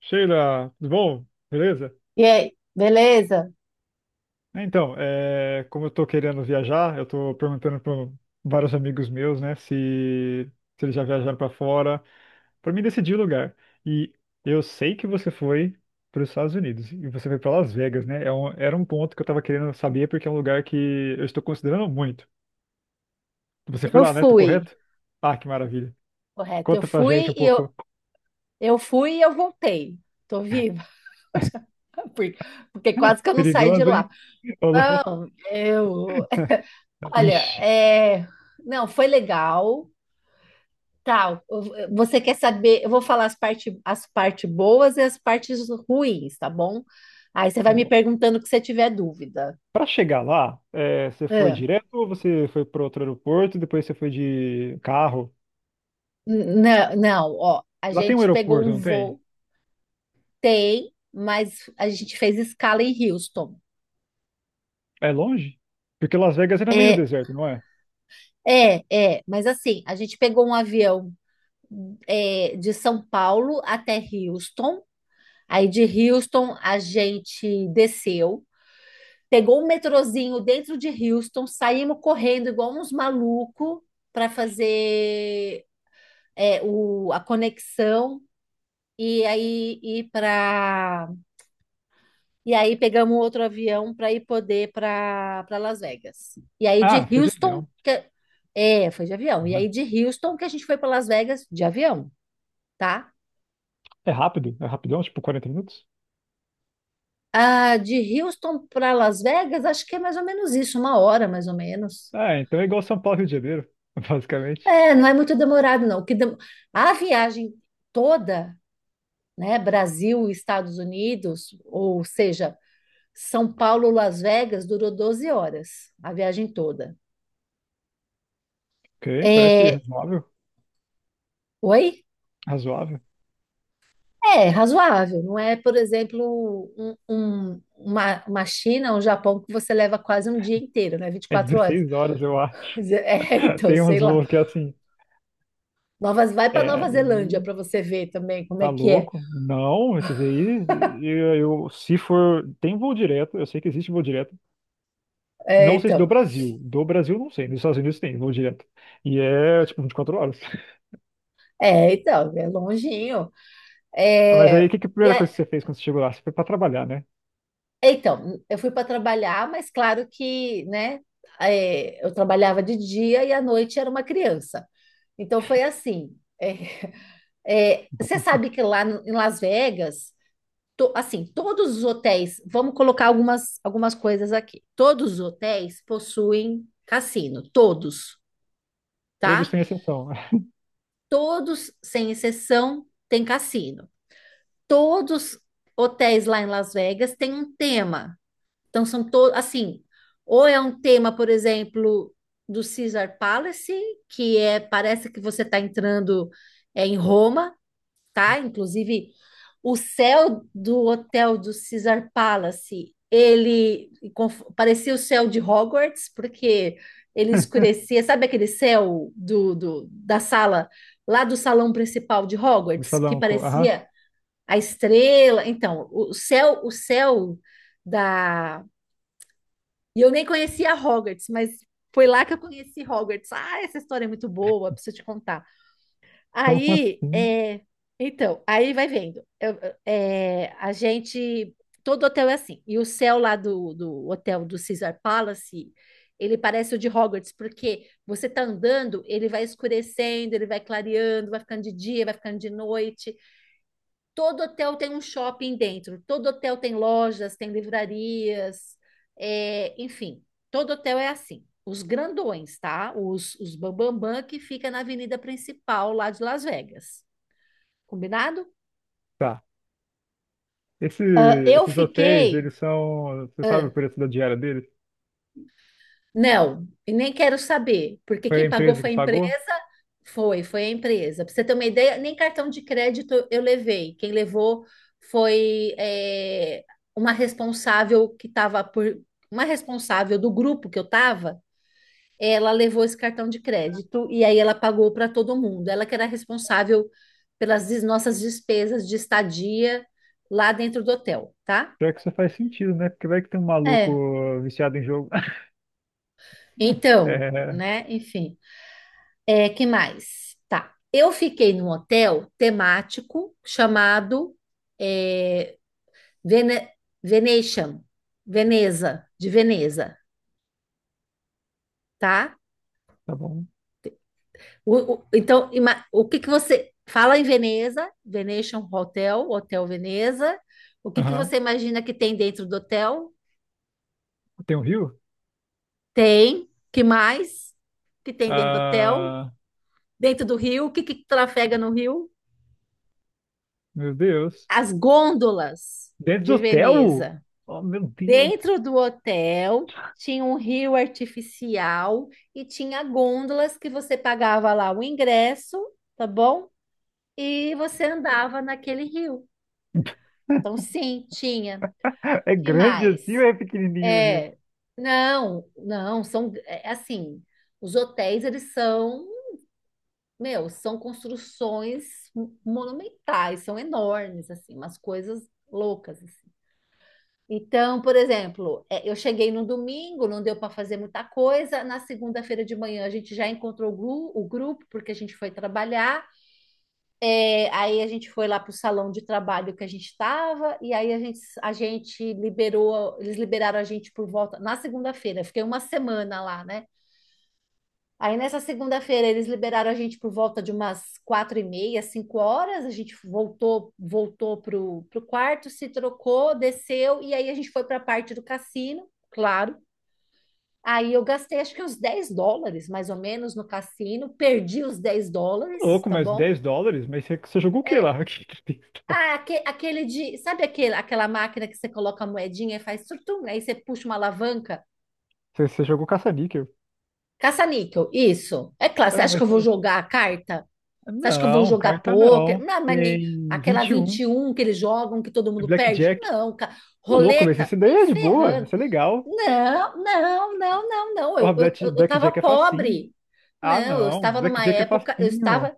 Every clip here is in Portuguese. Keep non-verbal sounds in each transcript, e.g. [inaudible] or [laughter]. Sheila, tudo bom? Beleza? E aí, beleza? Então, como eu tô querendo viajar, eu tô perguntando para vários amigos meus, né, se eles já viajaram para fora, para mim decidir o lugar. E eu sei que você foi para os Estados Unidos e você foi para Las Vegas, né? Era um ponto que eu tava querendo saber porque é um lugar que eu estou considerando muito. Você foi Eu lá, né? Tô fui, correto? Ah, que maravilha. correto. Conta pra gente um pouco. Eu fui e eu voltei. Tô viva. [laughs] Porque, porque quase que eu não saí de Perigoso, lá. hein? [laughs] Ô, louco. Não, eu, olha, Ixi. Não, foi legal. Tal. Você quer saber? Eu vou falar as parte boas e as partes ruins, tá bom? Aí você vai me perguntando que você tiver dúvida. Para chegar lá, você foi É. direto ou você foi para outro aeroporto e depois você foi de carro? Não, não, ó, a Lá tem um gente pegou aeroporto, um não tem? voo, tem, mas a gente fez escala em Houston. É longe? Porque Las Vegas é no meio do É, deserto, não é? é, é, mas assim, a gente pegou um avião de São Paulo até Houston, aí de Houston a gente desceu, pegou um metrozinho dentro de Houston, saímos correndo igual uns malucos para fazer a conexão e aí ir para E aí pegamos outro avião para ir poder para Las Vegas. E aí de Ah, foi de Houston, avião. Foi de avião. E Uhum. aí de Houston que a gente foi para Las Vegas de avião, tá? É rápido? É rapidão? Tipo 40 minutos? Ah, de Houston para Las Vegas, acho que é mais ou menos isso, 1 hora mais ou menos. Ah, então é igual São Paulo e Rio de Janeiro, [laughs] basicamente. É, não é muito demorado, não. A viagem toda, né, Brasil, e Estados Unidos, ou seja, São Paulo, Las Vegas, durou 12 horas, a viagem toda. Ok, parece É, razoável. Oi? Razoável. É razoável, não é, por exemplo, uma China, um Japão que você leva quase um dia inteiro, né? vinte e É quatro horas. 16 horas, eu acho. [laughs] é, [laughs] então, Tem sei uns lá. voos que é assim. Vai para É, aí Nova Zelândia para você ver também como é tá que é. louco? Não, esses aí, se for. Tem voo direto, eu sei que existe voo direto. É, Não sei se então, do Brasil. Do Brasil, não sei. Nos Estados Unidos tem, vou direto. E tipo, 24 horas. [laughs] é, então, é longinho. Mas aí, o É, que que é a e primeira coisa é- que você fez quando você chegou lá? Você foi pra trabalhar, né? é, então, eu fui para trabalhar, mas claro que, né, eu trabalhava de dia e à noite era uma criança. Então foi assim. Você sabe que lá em Las Vegas. Assim, todos os hotéis, vamos colocar algumas coisas aqui. Todos os hotéis possuem cassino, todos, Todos tá? sem exceção. Todos, sem exceção, têm cassino. Todos hotéis lá em Las Vegas têm um tema. Então são todos, assim, ou é um tema, por exemplo, do Caesar Palace, que é parece que você está entrando em Roma, tá? Inclusive, o céu do hotel do Caesar Palace, ele parecia o céu de Hogwarts, porque ele [laughs] escurecia, sabe aquele céu da sala, lá do salão principal de No Hogwarts, que salão. Aham. parecia a estrela? Então, o céu da. E eu nem conhecia Hogwarts, mas foi lá que eu conheci Hogwarts. Ah, essa história é muito boa, preciso te contar. Então, como Aí, assim? Aí vai vendo. É, a gente, Todo hotel é assim. E o céu lá do hotel do Caesar Palace, ele parece o de Hogwarts, porque você tá andando, ele vai escurecendo, ele vai clareando, vai ficando de dia, vai ficando de noite. Todo hotel tem um shopping dentro, todo hotel tem lojas, tem livrarias, enfim, todo hotel é assim. Os grandões, tá? Os bambambam que fica na avenida principal lá de Las Vegas. Combinado? Tá. Esse, Ah, eu esses hotéis, fiquei. eles são. Você sabe o ah, preço da diária deles? Não, e nem quero saber, porque Foi quem a pagou empresa que foi a empresa, pagou? foi a empresa. Para você ter uma ideia, nem cartão de crédito eu levei. Quem levou foi uma responsável que estava por, uma responsável do grupo que eu estava, ela levou esse cartão de crédito e aí ela pagou para todo mundo. Ela que era responsável pelas nossas despesas de estadia lá dentro do hotel, tá? Pior que isso faz sentido, né? Porque vai que tem um maluco É. viciado em jogo. [laughs] Então, É, né, enfim. É, que mais? Tá. Eu fiquei num hotel temático chamado é, Vene- Venetian, Veneza, de Veneza, tá? tá bom. Então, o que que você fala em Veneza, Venetian Hotel, Hotel Veneza? O que que Aham. você imagina que tem dentro do hotel? Tem um rio? Tem. Que mais? Que tem dentro do hotel? Ah, Dentro do rio? O que que trafega no rio? meu Deus. As gôndolas Dentro do de hotel? Veneza. Oh, meu Deus. Dentro do hotel tinha um rio artificial e tinha gôndolas que você pagava lá o ingresso, tá bom? E você andava naquele rio. Então, sim, tinha. [laughs] É Que grande assim mais? ou é pequenininho, viu? É, não, não, são assim, os hotéis eles são, meu, são construções monumentais, são enormes assim, umas coisas loucas. Então, por exemplo, eu cheguei no domingo, não deu para fazer muita coisa. Na segunda-feira de manhã a gente já encontrou o grupo, porque a gente foi trabalhar. É, aí a gente foi lá para o salão de trabalho que a gente estava, e aí a gente liberou, eles liberaram a gente por volta na segunda-feira. Eu fiquei uma semana lá, né? Aí nessa segunda-feira eles liberaram a gente por volta de umas 4h30, 5 horas. A gente voltou pro quarto, se trocou, desceu e aí a gente foi para a parte do cassino, claro. Aí eu gastei acho que uns US$ 10, mais ou menos, no cassino. Perdi os US$ 10, Louco, tá mas bom? 10 dólares? Mas você jogou o que lá? É. [laughs] Que 10 dólares? Ah, aquele de. Sabe aquela máquina que você coloca a moedinha e faz surtum? Aí você puxa uma alavanca? Você jogou caça-níquel. Caça-níquel, isso. É claro, você Ah, acha que mas eu vou jogar a carta? Você acha que eu vou não, jogar carta pôquer? não. Não, mas nem Tem aquela vinte e vinte um. e um que eles jogam, que todo É mundo perde? Blackjack. Não, cara. Ô, louco, mas Roleta? esse daí Nem é de boa, ferrando. esse é legal. Não, não, não, não, não. Porra, Eu, eu, eu eu tava Blackjack é facinho. pobre. Ah, Não, eu não, estava numa Blackjack é época, eu facinho. estava,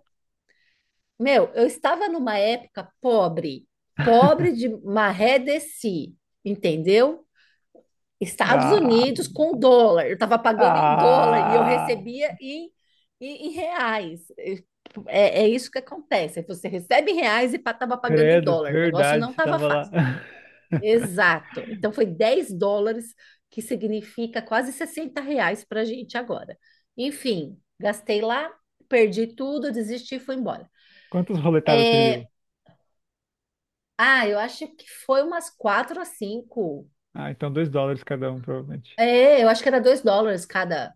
meu, eu estava numa época pobre. Pobre de maré de si, entendeu? Estados Ah, Unidos com dólar. Eu estava pagando em dólar e eu ah, recebia em, em reais. É, é isso que acontece. Você recebe em reais e estava pagando em credo, dólar. O negócio verdade, não você estava tava lá. fácil. [laughs] Exato. Então foi US$ 10, que significa quase R$ 60 para a gente agora. Enfim, gastei lá, perdi tudo, desisti e fui embora. Quantas roletadas você É, deu? ah, eu acho que foi umas 4 a 5. Ah, então 2 dólares cada um, provavelmente. É, eu acho que era US$ 2 cada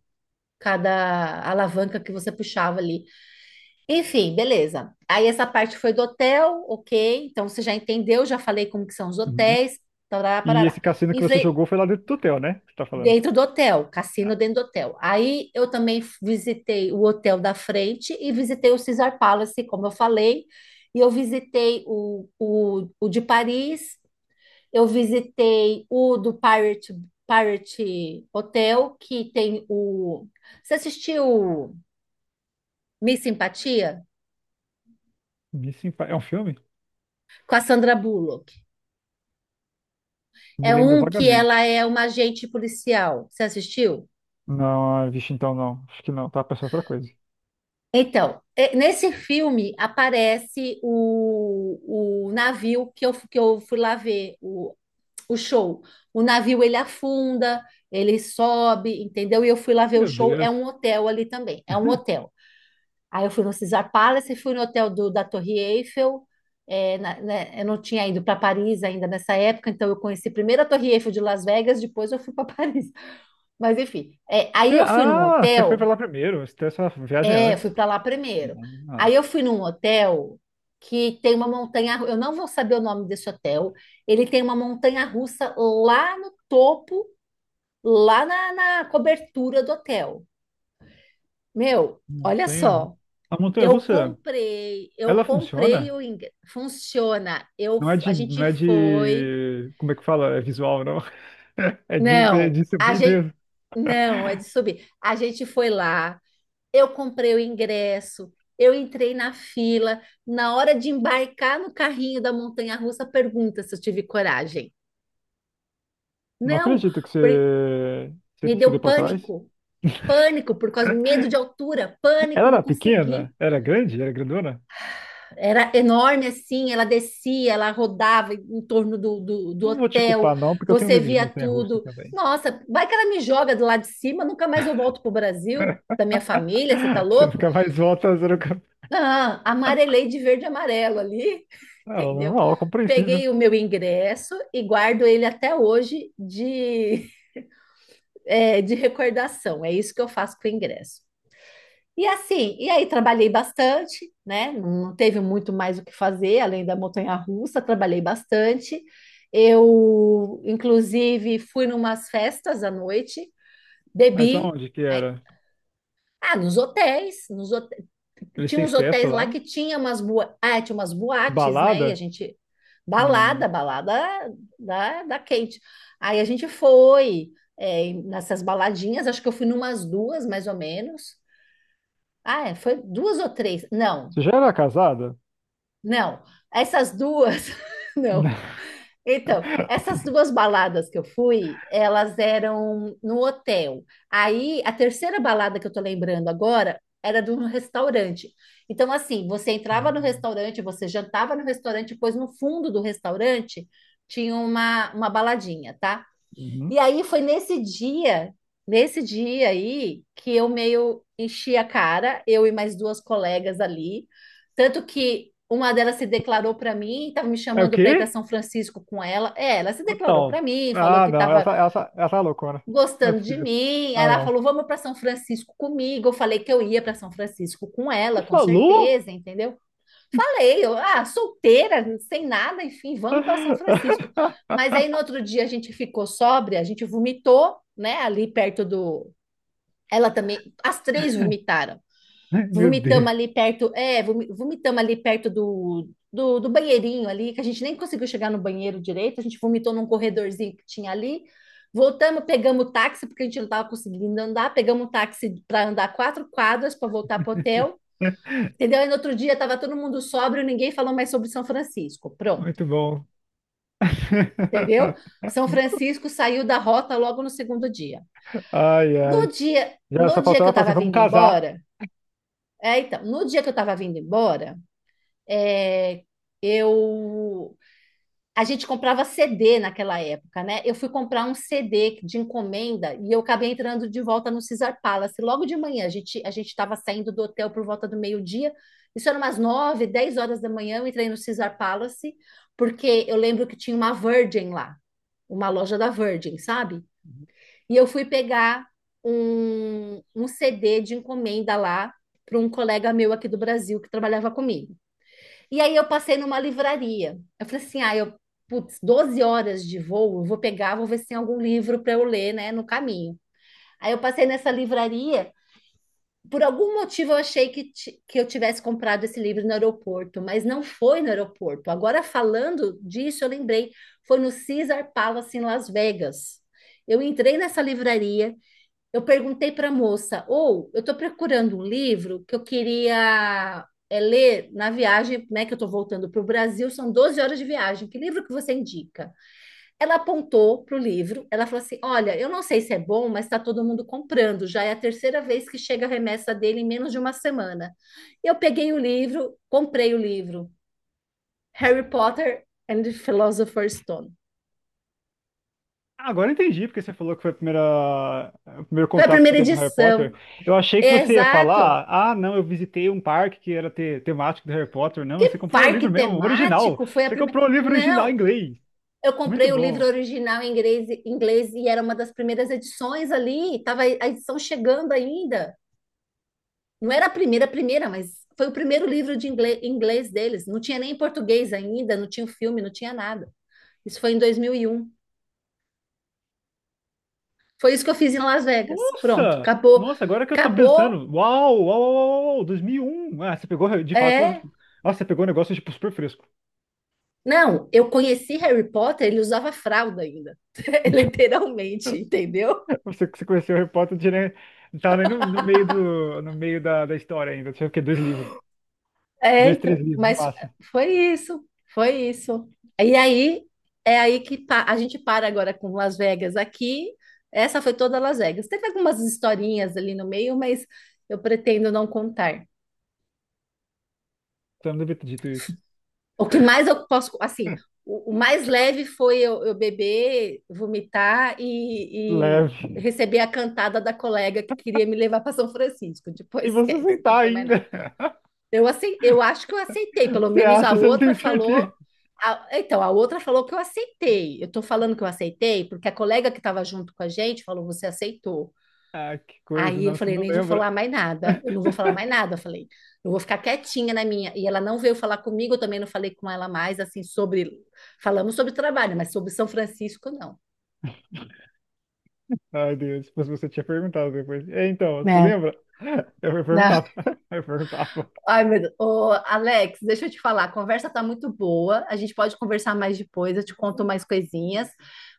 cada alavanca que você puxava ali. Enfim, beleza. Aí essa parte foi do hotel, ok. Então você já entendeu, já falei como que são os hotéis, tarará, E parará. esse cassino que você Enfrei jogou foi lá dentro do hotel, né? Você tá falando. dentro do hotel, Tá. cassino dentro do hotel. Aí eu também visitei o hotel da frente e visitei o Caesar Palace, como eu falei. E eu visitei o de Paris, eu visitei o do Pirate, Pirate Hotel, que tem o. Você assistiu Miss Simpatia, Missing Impa- É um filme? com a Sandra Bullock. Me É lembro um que ela vagamente. é uma agente policial. Você assistiu? Não, ah, vixe, então não. Acho que não, tá pensando outra coisa. Então, nesse filme aparece o navio que eu, que eu fui lá ver, o show. O navio ele afunda, ele sobe, entendeu? E eu fui lá ver o Meu show. É um Deus. hotel ali também, é um [laughs] hotel. Aí eu fui no Caesar Palace, fui no hotel da Torre Eiffel. Né, eu não tinha ido para Paris ainda nessa época, então eu conheci primeiro a Torre Eiffel de Las Vegas, depois eu fui para [laughs] Paris. Mas enfim, aí Você- eu fui num ah, você foi hotel, pra lá primeiro. Você tem essa viagem fui antes. para lá primeiro. Ah, Aí eu fui num hotel que tem uma montanha, eu não vou saber o nome desse hotel. Ele tem uma montanha russa lá no topo, lá na cobertura do hotel. Meu, olha montanha. só. A montanha Eu russa. comprei, eu Ela comprei funciona? o ingresso. Funciona. Eu, Não é a de, não gente é foi. de, como é que fala? É visual, não? [laughs] É de, é Não, de a subir gente. mesmo. Não, é de subir. A gente foi lá, eu comprei o ingresso, eu entrei na fila. Na hora de embarcar no carrinho da montanha-russa, pergunta se eu tive coragem. Não Não, acredito que por- você me se deu deu pra trás. pânico, pânico por causa de medo de altura, Ela pânico, não era pequena? consegui. Era grande? Era grandona? Era enorme assim, ela descia, ela rodava em torno do Não vou te hotel, culpar, não, porque eu tenho você medo de via montanha-russa tudo. também. Nossa, vai que ela me joga do lado de cima, nunca mais eu volto pro Brasil, da minha família, você tá [laughs] Você louco? fica mais volta, você nunca... Ah, amarelei de verde e amarelo ali, [laughs] Ah, entendeu? normal, compreensível. Peguei o meu ingresso e guardo ele até hoje de, [laughs] de recordação. É isso que eu faço com o ingresso. E assim, e aí trabalhei bastante, né? Não teve muito mais o que fazer além da montanha-russa, trabalhei bastante. Eu, inclusive, fui numas festas à noite, Mas bebi. aonde que é, era? Ah, nos hotéis, Eles tinha têm uns festa hotéis lá lá? que tinha umas Tipo, boates, né? E a balada? gente, Hum. balada da quente. Aí a gente foi nessas baladinhas, acho que eu fui numas duas, mais ou menos. Ah, foi duas ou três? Não, Você já era casada? Não, essas duas, [laughs] não. [laughs] Então, essas duas baladas que eu fui, elas eram no hotel. Aí, a terceira balada que eu tô lembrando agora era de um restaurante. Então, assim, você entrava no Não. restaurante, você jantava no restaurante, depois no fundo do restaurante tinha uma baladinha, tá? E Uhum. aí foi nesse dia aí, que eu meio enchi a cara, eu e mais duas colegas ali. Tanto que uma delas se declarou para mim, estava me É o chamando para ir para quê? São Francisco com ela. É, ela se declarou Total. para mim, falou Ah, que não, estava essa é loucura. Não é gostando de possível. mim. Aí Ah, ela não. falou: "Vamos para São Francisco comigo". Eu falei que eu ia para São Francisco com Você ela, com falou? certeza, entendeu? Falei, eu, solteira, sem nada, enfim, vamos para São [laughs] Francisco. Mas aí no outro dia a gente ficou sóbria, a gente vomitou, né, ali perto do. Ela também, as três vomitaram. Ai, meu Vomitamos Deus. ali perto, é, vomitamos ali perto do banheirinho ali, que a gente nem conseguiu chegar no banheiro direito, a gente vomitou num corredorzinho que tinha ali. Voltamos, pegamos o táxi, porque a gente não estava conseguindo andar, pegamos um táxi para andar 4 quadras para voltar para o hotel. Entendeu? E no outro dia estava todo mundo sóbrio, ninguém falou mais sobre São Francisco. Pronto, Muito bom. entendeu? São [laughs] Francisco saiu da rota logo no segundo dia. Ai, No ai. dia, Já no só dia faltou que eu ela falar assim, estava vamos vindo casar. embora, então, no dia que eu estava vindo embora, é, eu a gente comprava CD naquela época, né? Eu fui comprar um CD de encomenda e eu acabei entrando de volta no Caesar Palace. Logo de manhã, a gente estava saindo do hotel por volta do meio-dia. Isso era umas 9, 10 horas da manhã, eu entrei no Caesar Palace, porque eu lembro que tinha uma Virgin lá, uma loja da Virgin, sabe? E eu fui pegar um CD de encomenda lá para um colega meu aqui do Brasil que trabalhava comigo. E aí eu passei numa livraria. Eu falei assim, ah, eu, putz, 12 horas de voo, eu vou pegar, vou ver se tem algum livro para eu ler, né, no caminho. Aí eu passei nessa livraria, por algum motivo eu achei que, que eu tivesse comprado esse livro no aeroporto, mas não foi no aeroporto. Agora falando disso, eu lembrei, foi no Caesar Palace em Las Vegas. Eu entrei nessa livraria, eu perguntei para a moça, ou eu estou procurando um livro que eu queria é, ler na viagem, né, que eu estou voltando para o Brasil, são 12 horas de viagem, que livro que você indica? Ela apontou para o livro, ela falou assim, olha, eu não sei se é bom, mas está todo mundo comprando, já é a terceira vez que chega a remessa dele em menos de uma semana. Eu peguei o livro, comprei o livro, Harry Potter and the Philosopher's Stone. Agora eu entendi porque você falou que foi a primeira, o primeiro Foi a contato que você primeira teve com Harry Potter. edição, Eu achei que é você ia exato, falar, ah, não, eu visitei um parque que era temático do Harry Potter. Não, você que comprou o parque livro mesmo, o original. temático foi a Você primeira? comprou o livro original em Não, inglês. eu Muito comprei o bom. livro original em inglês, inglês e era uma das primeiras edições ali, estava a edição chegando ainda. Não era a primeira, mas foi o primeiro livro de inglês, inglês deles. Não tinha nem em português ainda, não tinha o filme, não tinha nada. Isso foi em 2001. Foi isso que eu fiz em Las Vegas. Pronto, Nossa! acabou. Nossa, agora que eu tô Acabou. pensando. Uau, uau, uau, uau, uau, 2001. Ah, você pegou de fato. É. Nossa, você pegou um negócio tipo super fresco. Não, eu conheci Harry Potter, ele usava fralda ainda. [laughs] [laughs] Literalmente, entendeu? Você conheceu o Harry Potter, né? Tava nem no meio da história ainda. Tinha o quê? Dois livros. É, Dois, três então, livros, no mas máximo. foi isso, foi isso. E aí, é aí que a gente para agora com Las Vegas aqui. Essa foi toda Las Vegas. Teve algumas historinhas ali no meio, mas eu pretendo não contar. Então eu não devia ter dito isso. O que mais eu posso, assim, o mais leve foi eu beber, vomitar e Leve. receber a cantada da colega que queria me levar para São Francisco. E Depois [laughs] você esquece, não aceitar tem mais nada. ainda. [laughs] Eu acho que eu aceitei, pelo Você menos a acha, você não outra tem falou. certeza. Então, a outra falou que eu aceitei. Eu tô falando que eu aceitei, porque a colega que estava junto com a gente falou: você aceitou. Ah, que coisa, Aí eu não, você falei: não nem vou lembra. falar mais nada. Eu não vou falar mais nada. Eu falei: eu vou ficar quietinha na minha. E ela não veio falar comigo, eu também não falei com ela mais, assim, sobre. Falamos sobre trabalho, mas sobre São Francisco, não. Ai, Deus, se você tinha perguntado depois. É, então, você É, lembra? [laughs] Eu né? perguntava. Eu perguntava. Ai, meu Deus. Ô, Alex, deixa eu te falar, a conversa tá muito boa. A gente pode conversar mais depois, eu te conto mais coisinhas,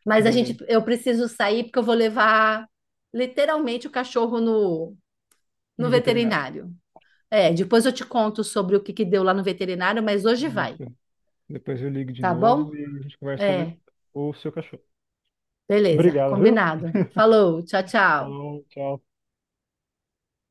mas a gente Beleza. eu preciso sair porque eu vou levar literalmente o cachorro no No veterinário. veterinário. É, depois eu te conto sobre o que que deu lá no veterinário, mas hoje vai, Isso. Depois eu ligo de tá bom? novo e a gente conversa sobre É, o seu cachorro. beleza, Obrigado, viu? combinado. Falou, tchau, tchau. Falou, tchau.